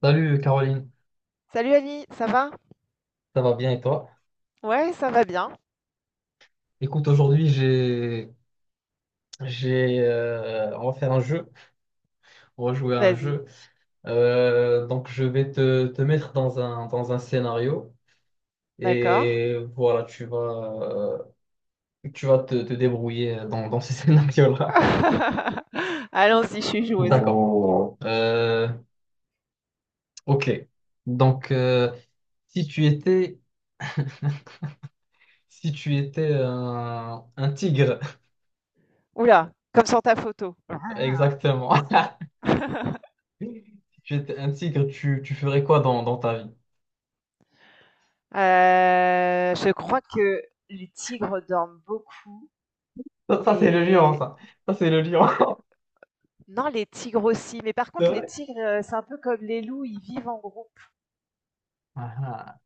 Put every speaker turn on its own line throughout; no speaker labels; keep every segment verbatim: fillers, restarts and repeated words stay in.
Salut Caroline,
Salut Ali, ça va?
ça va bien et toi?
Ouais, ça va bien.
Écoute, aujourd'hui j'ai j'ai euh, on va faire un jeu, on va jouer à un
Vas-y,
jeu. Euh, donc je vais te, te mettre dans un dans un scénario
d'accord.
et voilà, tu vas euh, tu vas te, te débrouiller dans, dans ce scénario-là.
Allons-y, je suis joueuse.
D'accord. Oh. Euh, ok. Donc euh, si tu étais si tu étais un, un tigre,
Oula, comme sur ta photo.
exactement. Si tu étais un tigre, tu, tu ferais quoi dans, dans ta vie?
Euh, je crois que les tigres dorment beaucoup
Ça, ça, c'est le lion,
et
ça. Ça, c'est le lion.
non, les tigres aussi. Mais par
C'est
contre, les
vrai.
tigres, euh, c'est un peu comme les loups, ils vivent en groupe.
Ah, ah.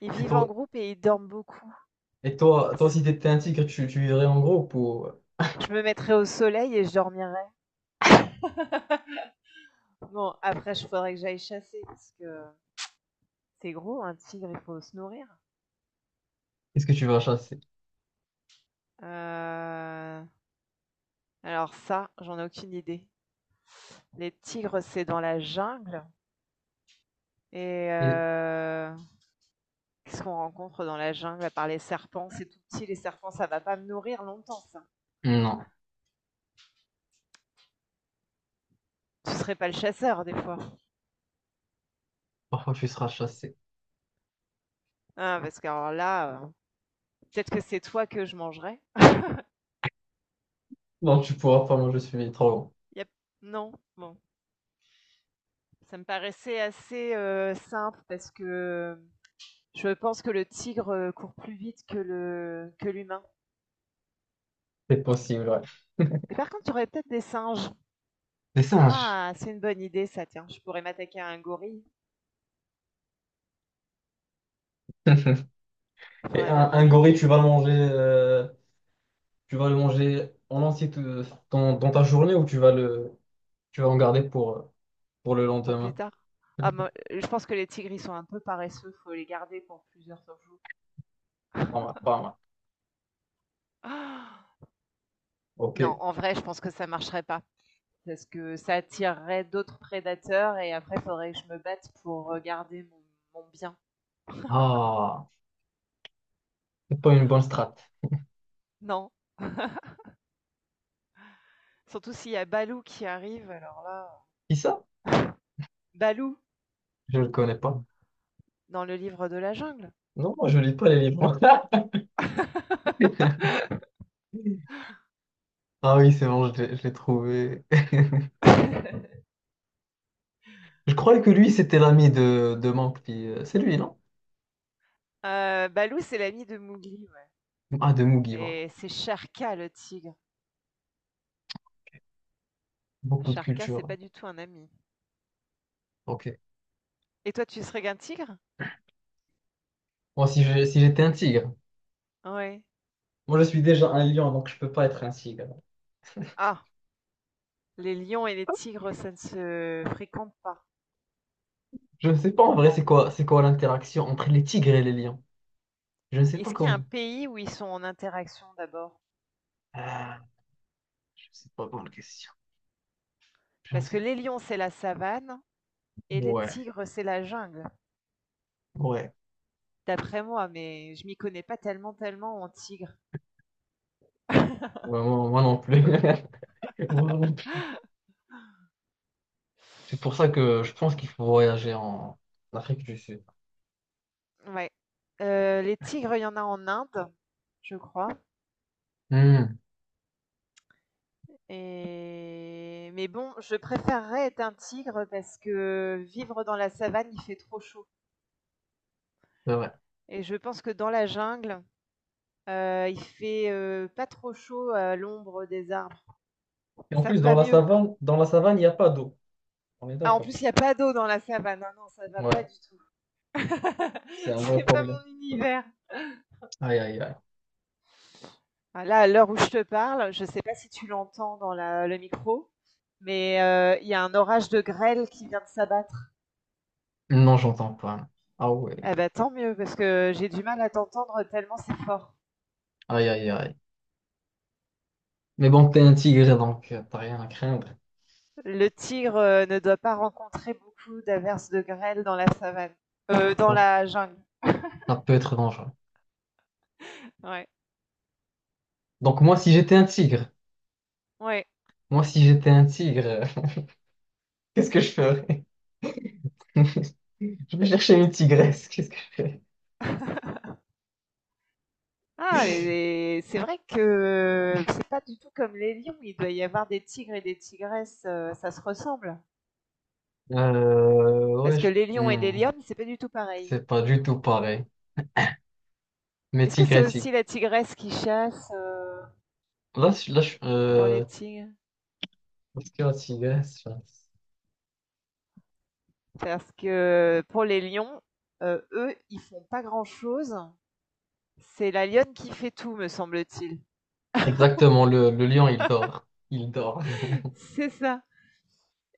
Ils
Et
vivent en
toi,
groupe et ils dorment beaucoup.
et toi, toi,
C'est ce
si
que-
t'étais un tigre, tu, tu vivrais en groupe ou
Je me mettrais au soleil et je dormirais. Bon, après, je faudrait que j'aille chasser parce que c'est gros, un tigre, il faut se nourrir.
est-ce que tu vas chasser?
Euh, Alors ça, j'en ai aucune idée. Les tigres, c'est dans la jungle. Et
Et-
heu, Qu'est-ce qu'on rencontre dans la jungle à part les serpents? C'est tout petit, les serpents, ça va pas me nourrir longtemps ça.
Non,
Tu serais pas le chasseur des fois?
parfois tu seras chassé.
Ah parce que alors là, heu, peut-être que c'est toi que je mangerais?
Non, tu pourras pas manger celui trop long.
Il non? Bon, ça me paraissait assez, heu, simple parce que euh, je pense que le tigre, euh, court plus vite que le que l'humain.
C'est possible, ouais.
Et par contre, tu aurais peut-être des singes.
Des singes.
Ah! C'est une bonne idée ça, tiens. Je pourrais m'attaquer à un gorille.
Et
Faudrait bien
un, un
manger
gorille, tu vas le manger, euh, tu vas le manger en entier tout- dans, dans ta journée ou tu vas le, tu vas en garder pour, euh, pour le
pour plus
lendemain?
tard. Ah moi, euh, je pense que les tigres, ils sont un peu paresseux, faut les garder pour plusieurs jours.
Pas mal, pas mal.
Ah
Ok.
non, en vrai, je pense que ça marcherait pas parce que ça attirerait d'autres prédateurs et après, faudrait que je me batte pour euh, garder mon, mon bien.
Ah, c'est pas une bonne strat.
Non, surtout s'il y a Balou qui arrive, alors là,
Qui ça?
Balou
Je le connais pas.
dans le livre de la jungle.
Non, moi, je lis pas les livres. Ah oui, c'est bon, je l'ai je l'ai trouvé. Je croyais que lui, c'était l'ami de, de Monk, puis, euh, c'est lui, non?
Euh, Balou, c'est l'ami de Mowgli ouais.
Ah, de Mugi, voilà.
Et c'est Sharka le tigre.
Beaucoup de
Sharka, c'est
culture.
pas du tout un ami.
Ok.
Et toi, tu serais qu'un tigre?
Moi, si je- si j'étais un tigre.
Ouais.
Moi, je suis déjà un lion, donc je peux pas être un tigre.
Ah, les lions et les tigres, ça ne se fréquente pas,
Je ne sais pas en vrai,
non.
c'est quoi, c'est quoi l'interaction entre les tigres et les lions. Je ne sais pas
Est-ce qu'il y a un
comment.
pays où ils sont en interaction d'abord?
Ah, je ne sais pas, bonne question. Je ne
Parce que
sais pas.
les lions, c'est la savane et les
Ouais,
tigres, c'est la jungle,
ouais.
d'après moi, mais je m'y connais pas tellement, tellement en tigres.
Ouais, moi, moi non plus. Moi non plus. C'est pour ça que je pense qu'il faut voyager en Afrique du Sud.
Ouais. Euh, les tigres, il y en a en Inde, je crois.
Hmm,
Et... Mais bon, je préférerais être un tigre parce que vivre dans la savane, il fait trop chaud.
c'est vrai.
Et je pense que dans la jungle, Heu, il fait, heu, pas trop chaud à l'ombre des arbres.
Et en
Ça
plus,
me
dans
va
la
mieux.
savane, dans la savane, il n'y a pas d'eau. On est
Ah, en
d'accord.
plus, il y a pas d'eau dans la savane, ah non, ça me va pas
Ouais,
du tout.
c'est un vrai
C'est pas
problème.
mon univers.
Aïe, aïe, aïe.
Ah là, à l'heure où je te parle, je ne sais pas si tu l'entends dans la le micro, mais heu, il y a un orage de grêle qui vient de s'abattre.
Non, j'entends pas. Ah ouais.
Eh ben tant mieux parce que j'ai du mal à t'entendre tellement c'est fort.
Aïe, aïe, aïe. Mais bon, t'es un tigre, donc euh, t'as rien à craindre.
Le tigre, heu, ne doit pas rencontrer beaucoup d'averses de grêle dans la savane, heu, dans
Ça,
la jungle.
ça peut être dangereux.
Ouais,
Donc moi, si j'étais un tigre,
ouais.
moi, si j'étais un tigre, euh, qu'est-ce que je ferais? Je vais chercher une tigresse. Qu'est-ce que je fais?
Ah, mais c'est vrai que c'est pas du tout comme les lions. Il doit y avoir des tigres et des tigresses, euh, ça se ressemble.
Euh, ouais,
Parce que
je-
les lions et les
hmm,
lionnes, c'est pas du tout pareil.
c'est pas du tout pareil. Mais
Est-ce que c'est
tigresse, il-
aussi la tigresse qui chasse euh,
là, je- là, je-
pour les
euh,
tigres?
parce que la tigresse,
Parce que pour les lions, euh, eux, ils font pas grand-chose. C'est la lionne qui fait tout, me semble-t-il.
exactement, le, le lion, il dort. Il dort.
C'est ça.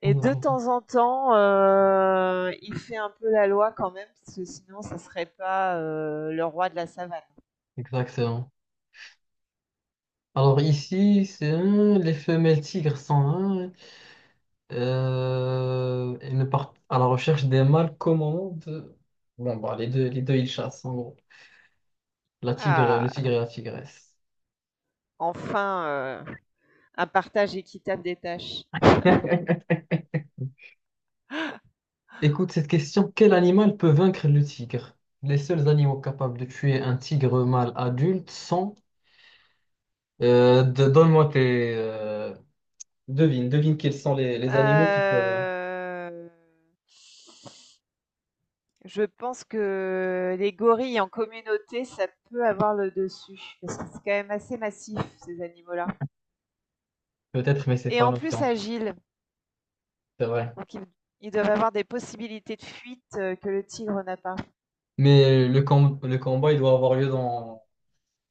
Et de temps en temps, euh, il fait un peu la loi quand même, parce que sinon, ça serait pas euh, le roi de la savane.
Exactement. Alors ici, c'est hein, les femelles tigres sont hein, euh, et ne partent à la recherche des mâles qu'au moment de... Bon, bah, les deux, les deux, ils chassent, en gros. La tigre, le
Ah,
tigre et la tigresse.
enfin euh, un partage équitable des tâches.
Écoute cette question. Quel animal peut vaincre le tigre? Les seuls animaux capables de tuer un tigre mâle adulte sont... Euh, de- donne-moi tes... euh, devine, devine quels sont les, les animaux qui peuvent...
Euh, je pense que les gorilles en communauté, ça peut avoir le dessus, parce que c'est quand même assez massif, ces animaux-là.
Peut-être, mais c'est
Et
pas
en
noté
plus
en tout cas,
agiles,
c'est vrai.
donc ils, ils doivent avoir des possibilités de fuite euh, que le tigre n'a pas.
Mais le, com- le combat, il doit avoir lieu dans,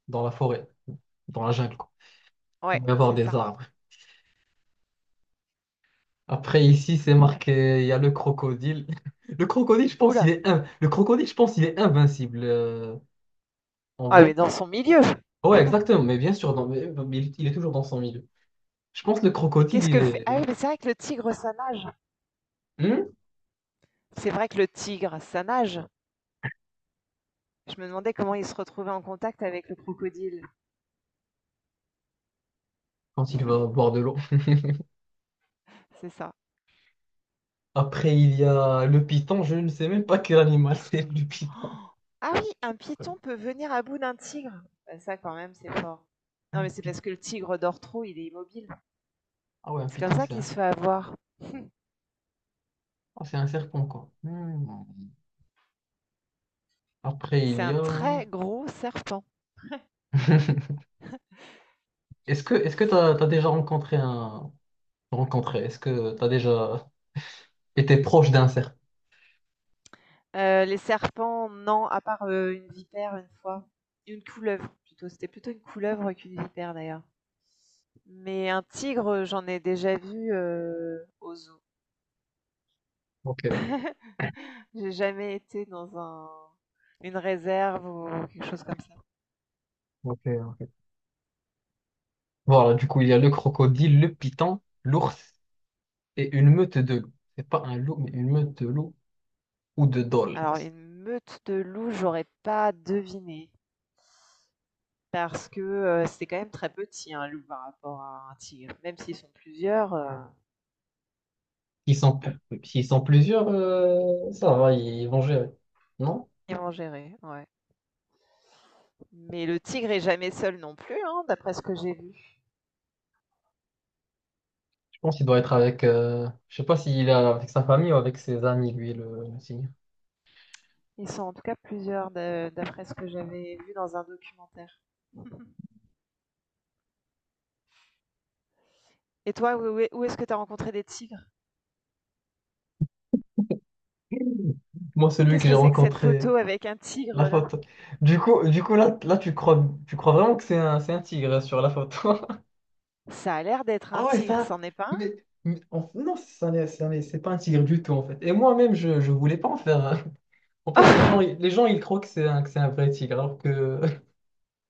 dans la forêt, dans la jungle, quoi. Il
Ouais,
doit y avoir
c'est
des
ça.
arbres. Après, ici, c'est marqué, il y a le crocodile. Le crocodile, je
Oh
pense, il
là.
est in- le crocodile, je pense, il est invincible, euh, en
Ah,
vrai.
mais dans son milieu.
Ouais,
Ah,
exactement, mais bien sûr, dans- mais- mais il, il est toujours dans son milieu. Je pense que le
mais
crocodile,
qu'est-ce
il
que fait.
est...
Ah oui, mais c'est vrai que le tigre, ça nage.
Hmm.
C'est vrai que le tigre, ça nage. Je me demandais comment il se retrouvait en contact avec le crocodile.
Quand il va boire de l'eau.
C'est ça.
Après, il y a le python, je ne sais même pas quel animal c'est, le python.
Oh ah oui, un
Ouais.
python peut venir à bout d'un tigre. Bah, ça, quand même, c'est fort. Non,
Un
mais c'est
python.
parce que le tigre dort trop, il est immobile.
Ah ouais, un
C'est comme
python,
ça
c'est
qu'il
un,
se fait avoir.
ah, c'est un serpent, quoi. Hmm. Après, il
C'est
y
un
a...
très gros serpent.
Est-ce que est-ce que t'as, t'as déjà rencontré un... Rencontré, est-ce que t'as déjà été proche d'un serpent?
Euh, les serpents, non, à part euh, une vipère une fois. Une couleuvre, plutôt. C'était plutôt une couleuvre qu'une vipère, d'ailleurs. Mais un tigre, j'en ai déjà vu euh, au zoo.
Ok,
J'ai jamais été dans un une réserve ou quelque chose comme ça.
ok, ok. Voilà, du coup, il y a le crocodile, le python, l'ours et une meute de loups. C'est pas un loup, mais une meute de loups ou de dholes.
Alors une meute de loups, j'aurais pas deviné parce que, heu, c'est quand même très petit un loup par rapport à un tigre. Même s'ils sont plusieurs, heu,
S'ils sont,
bon,
pl- s'ils sont plusieurs, euh, ça va, ils vont gérer. Non?
ils vont gérer, ouais. Mais le tigre est jamais seul non plus, hein, d'après ce que j'ai vu.
Je pense qu'il doit être avec... euh, Je sais pas s'il est avec sa famille ou avec ses amis, lui, le le signe.
Ils sont en tout cas plusieurs de d'après ce que j'avais vu dans un documentaire. Et toi, où est où est-ce que tu as rencontré des tigres?
Moi, celui
Qu'est-ce
que j'ai
que c'est que cette
rencontré...
photo avec un
La
tigre
faute.
là?
Du coup, du coup là, là tu crois, tu crois vraiment que c'est un, c'est un tigre sur la photo.
Ça a l'air d'être un
Ah ouais,
tigre,
ça.
c'en est pas
Mais, mais en- non, ça n'est- ça n'est- c'est pas un tigre du tout en fait. Et moi-même, je, je voulais pas en faire. Un. En fait, les
un?
gens, ils- les gens, ils croient que c'est un, que c'est un vrai tigre, alors que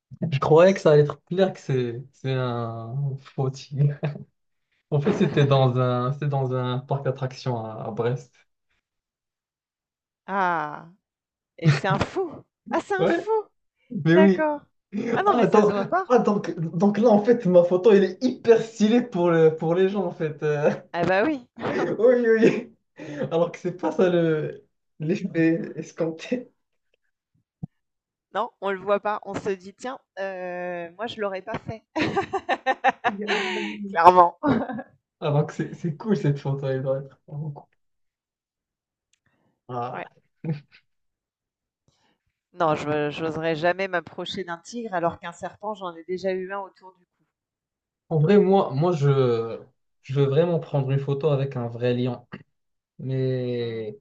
je croyais que ça allait être clair que c'est, c'est un faux tigre. En fait, c'était dans un, c'était dans un parc d'attractions à, à Brest.
Ah! Et c'est un fou! Ah, c'est un
Ouais,
fou!
mais oui.
D'accord. Ah non, mais
Ah,
ça se
donc,
voit pas.
ah, donc, donc là, en fait, ma photo, elle est hyper stylée pour le, pour les gens, en fait. euh.
Ah bah oui.
Oui, oui. Oui. Alors que c'est pas ça le l'effet escompté.
Non, on le voit pas. On se dit: «Tiens, heu, moi je l'aurais pas fait».
Aïe, aïe.
Clairement.
Alors que c'est c'est cool cette photo, elle doit être vraiment cool. Ah.
Ouais. Non, je j'oserais jamais m'approcher d'un tigre alors qu'un serpent, j'en ai déjà eu un autour du
En vrai, moi, moi je, je veux vraiment prendre une photo avec un vrai lion.
cou. Mmh.
Mais,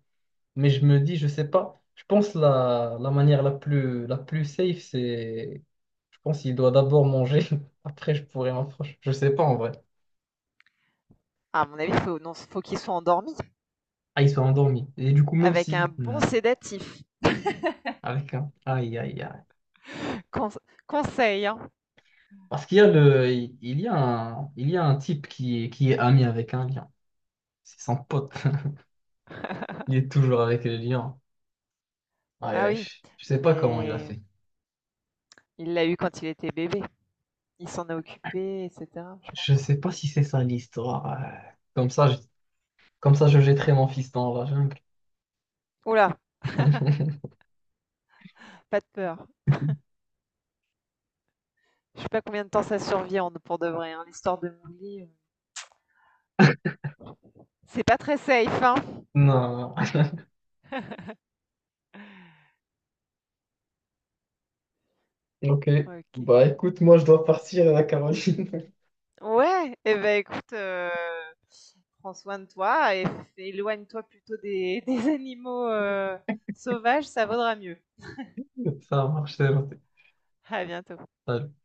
mais je me dis, je sais pas. Je pense la, la manière la plus, la plus safe, c'est. Je pense qu'il doit d'abord manger. Après, je pourrais m'approcher. Je sais pas en vrai.
À mon avis, faut non, faut qu'il soit endormi
Ah, ils sont endormis. Et du coup, même
avec un
si.
bon
Hmm.
sédatif.
Avec un. Aïe, aïe, aïe.
Conse Conseil, hein.
Parce qu'il y a le, il y a un, il y a un type qui est, qui est ami avec un lion. C'est son pote. Il est toujours avec le lion. Aïe,
Ah
aïe,
oui,
je je sais pas comment il a
mais
fait.
il l'a eu quand il était bébé. Il s'en a occupé, et cetera, je
Je
pense.
sais pas si c'est ça l'histoire. euh. Comme ça, je, comme ça, je jetterai mon fils dans la jungle.
Oula, pas de peur. Je sais pas combien de temps ça survit pour de vrai, hein. L'histoire de Mouli, euh, c'est pas très safe. Hein.
Non. Ok.
Ok.
Bah écoute, moi je dois partir à la Caroline.
Ouais, et eh ben écoute, euh, prends soin de toi et éloigne-toi plutôt des, des animaux euh, sauvages, ça vaudra mieux.
Ça marche, c'est noté.
À bientôt.
Salut.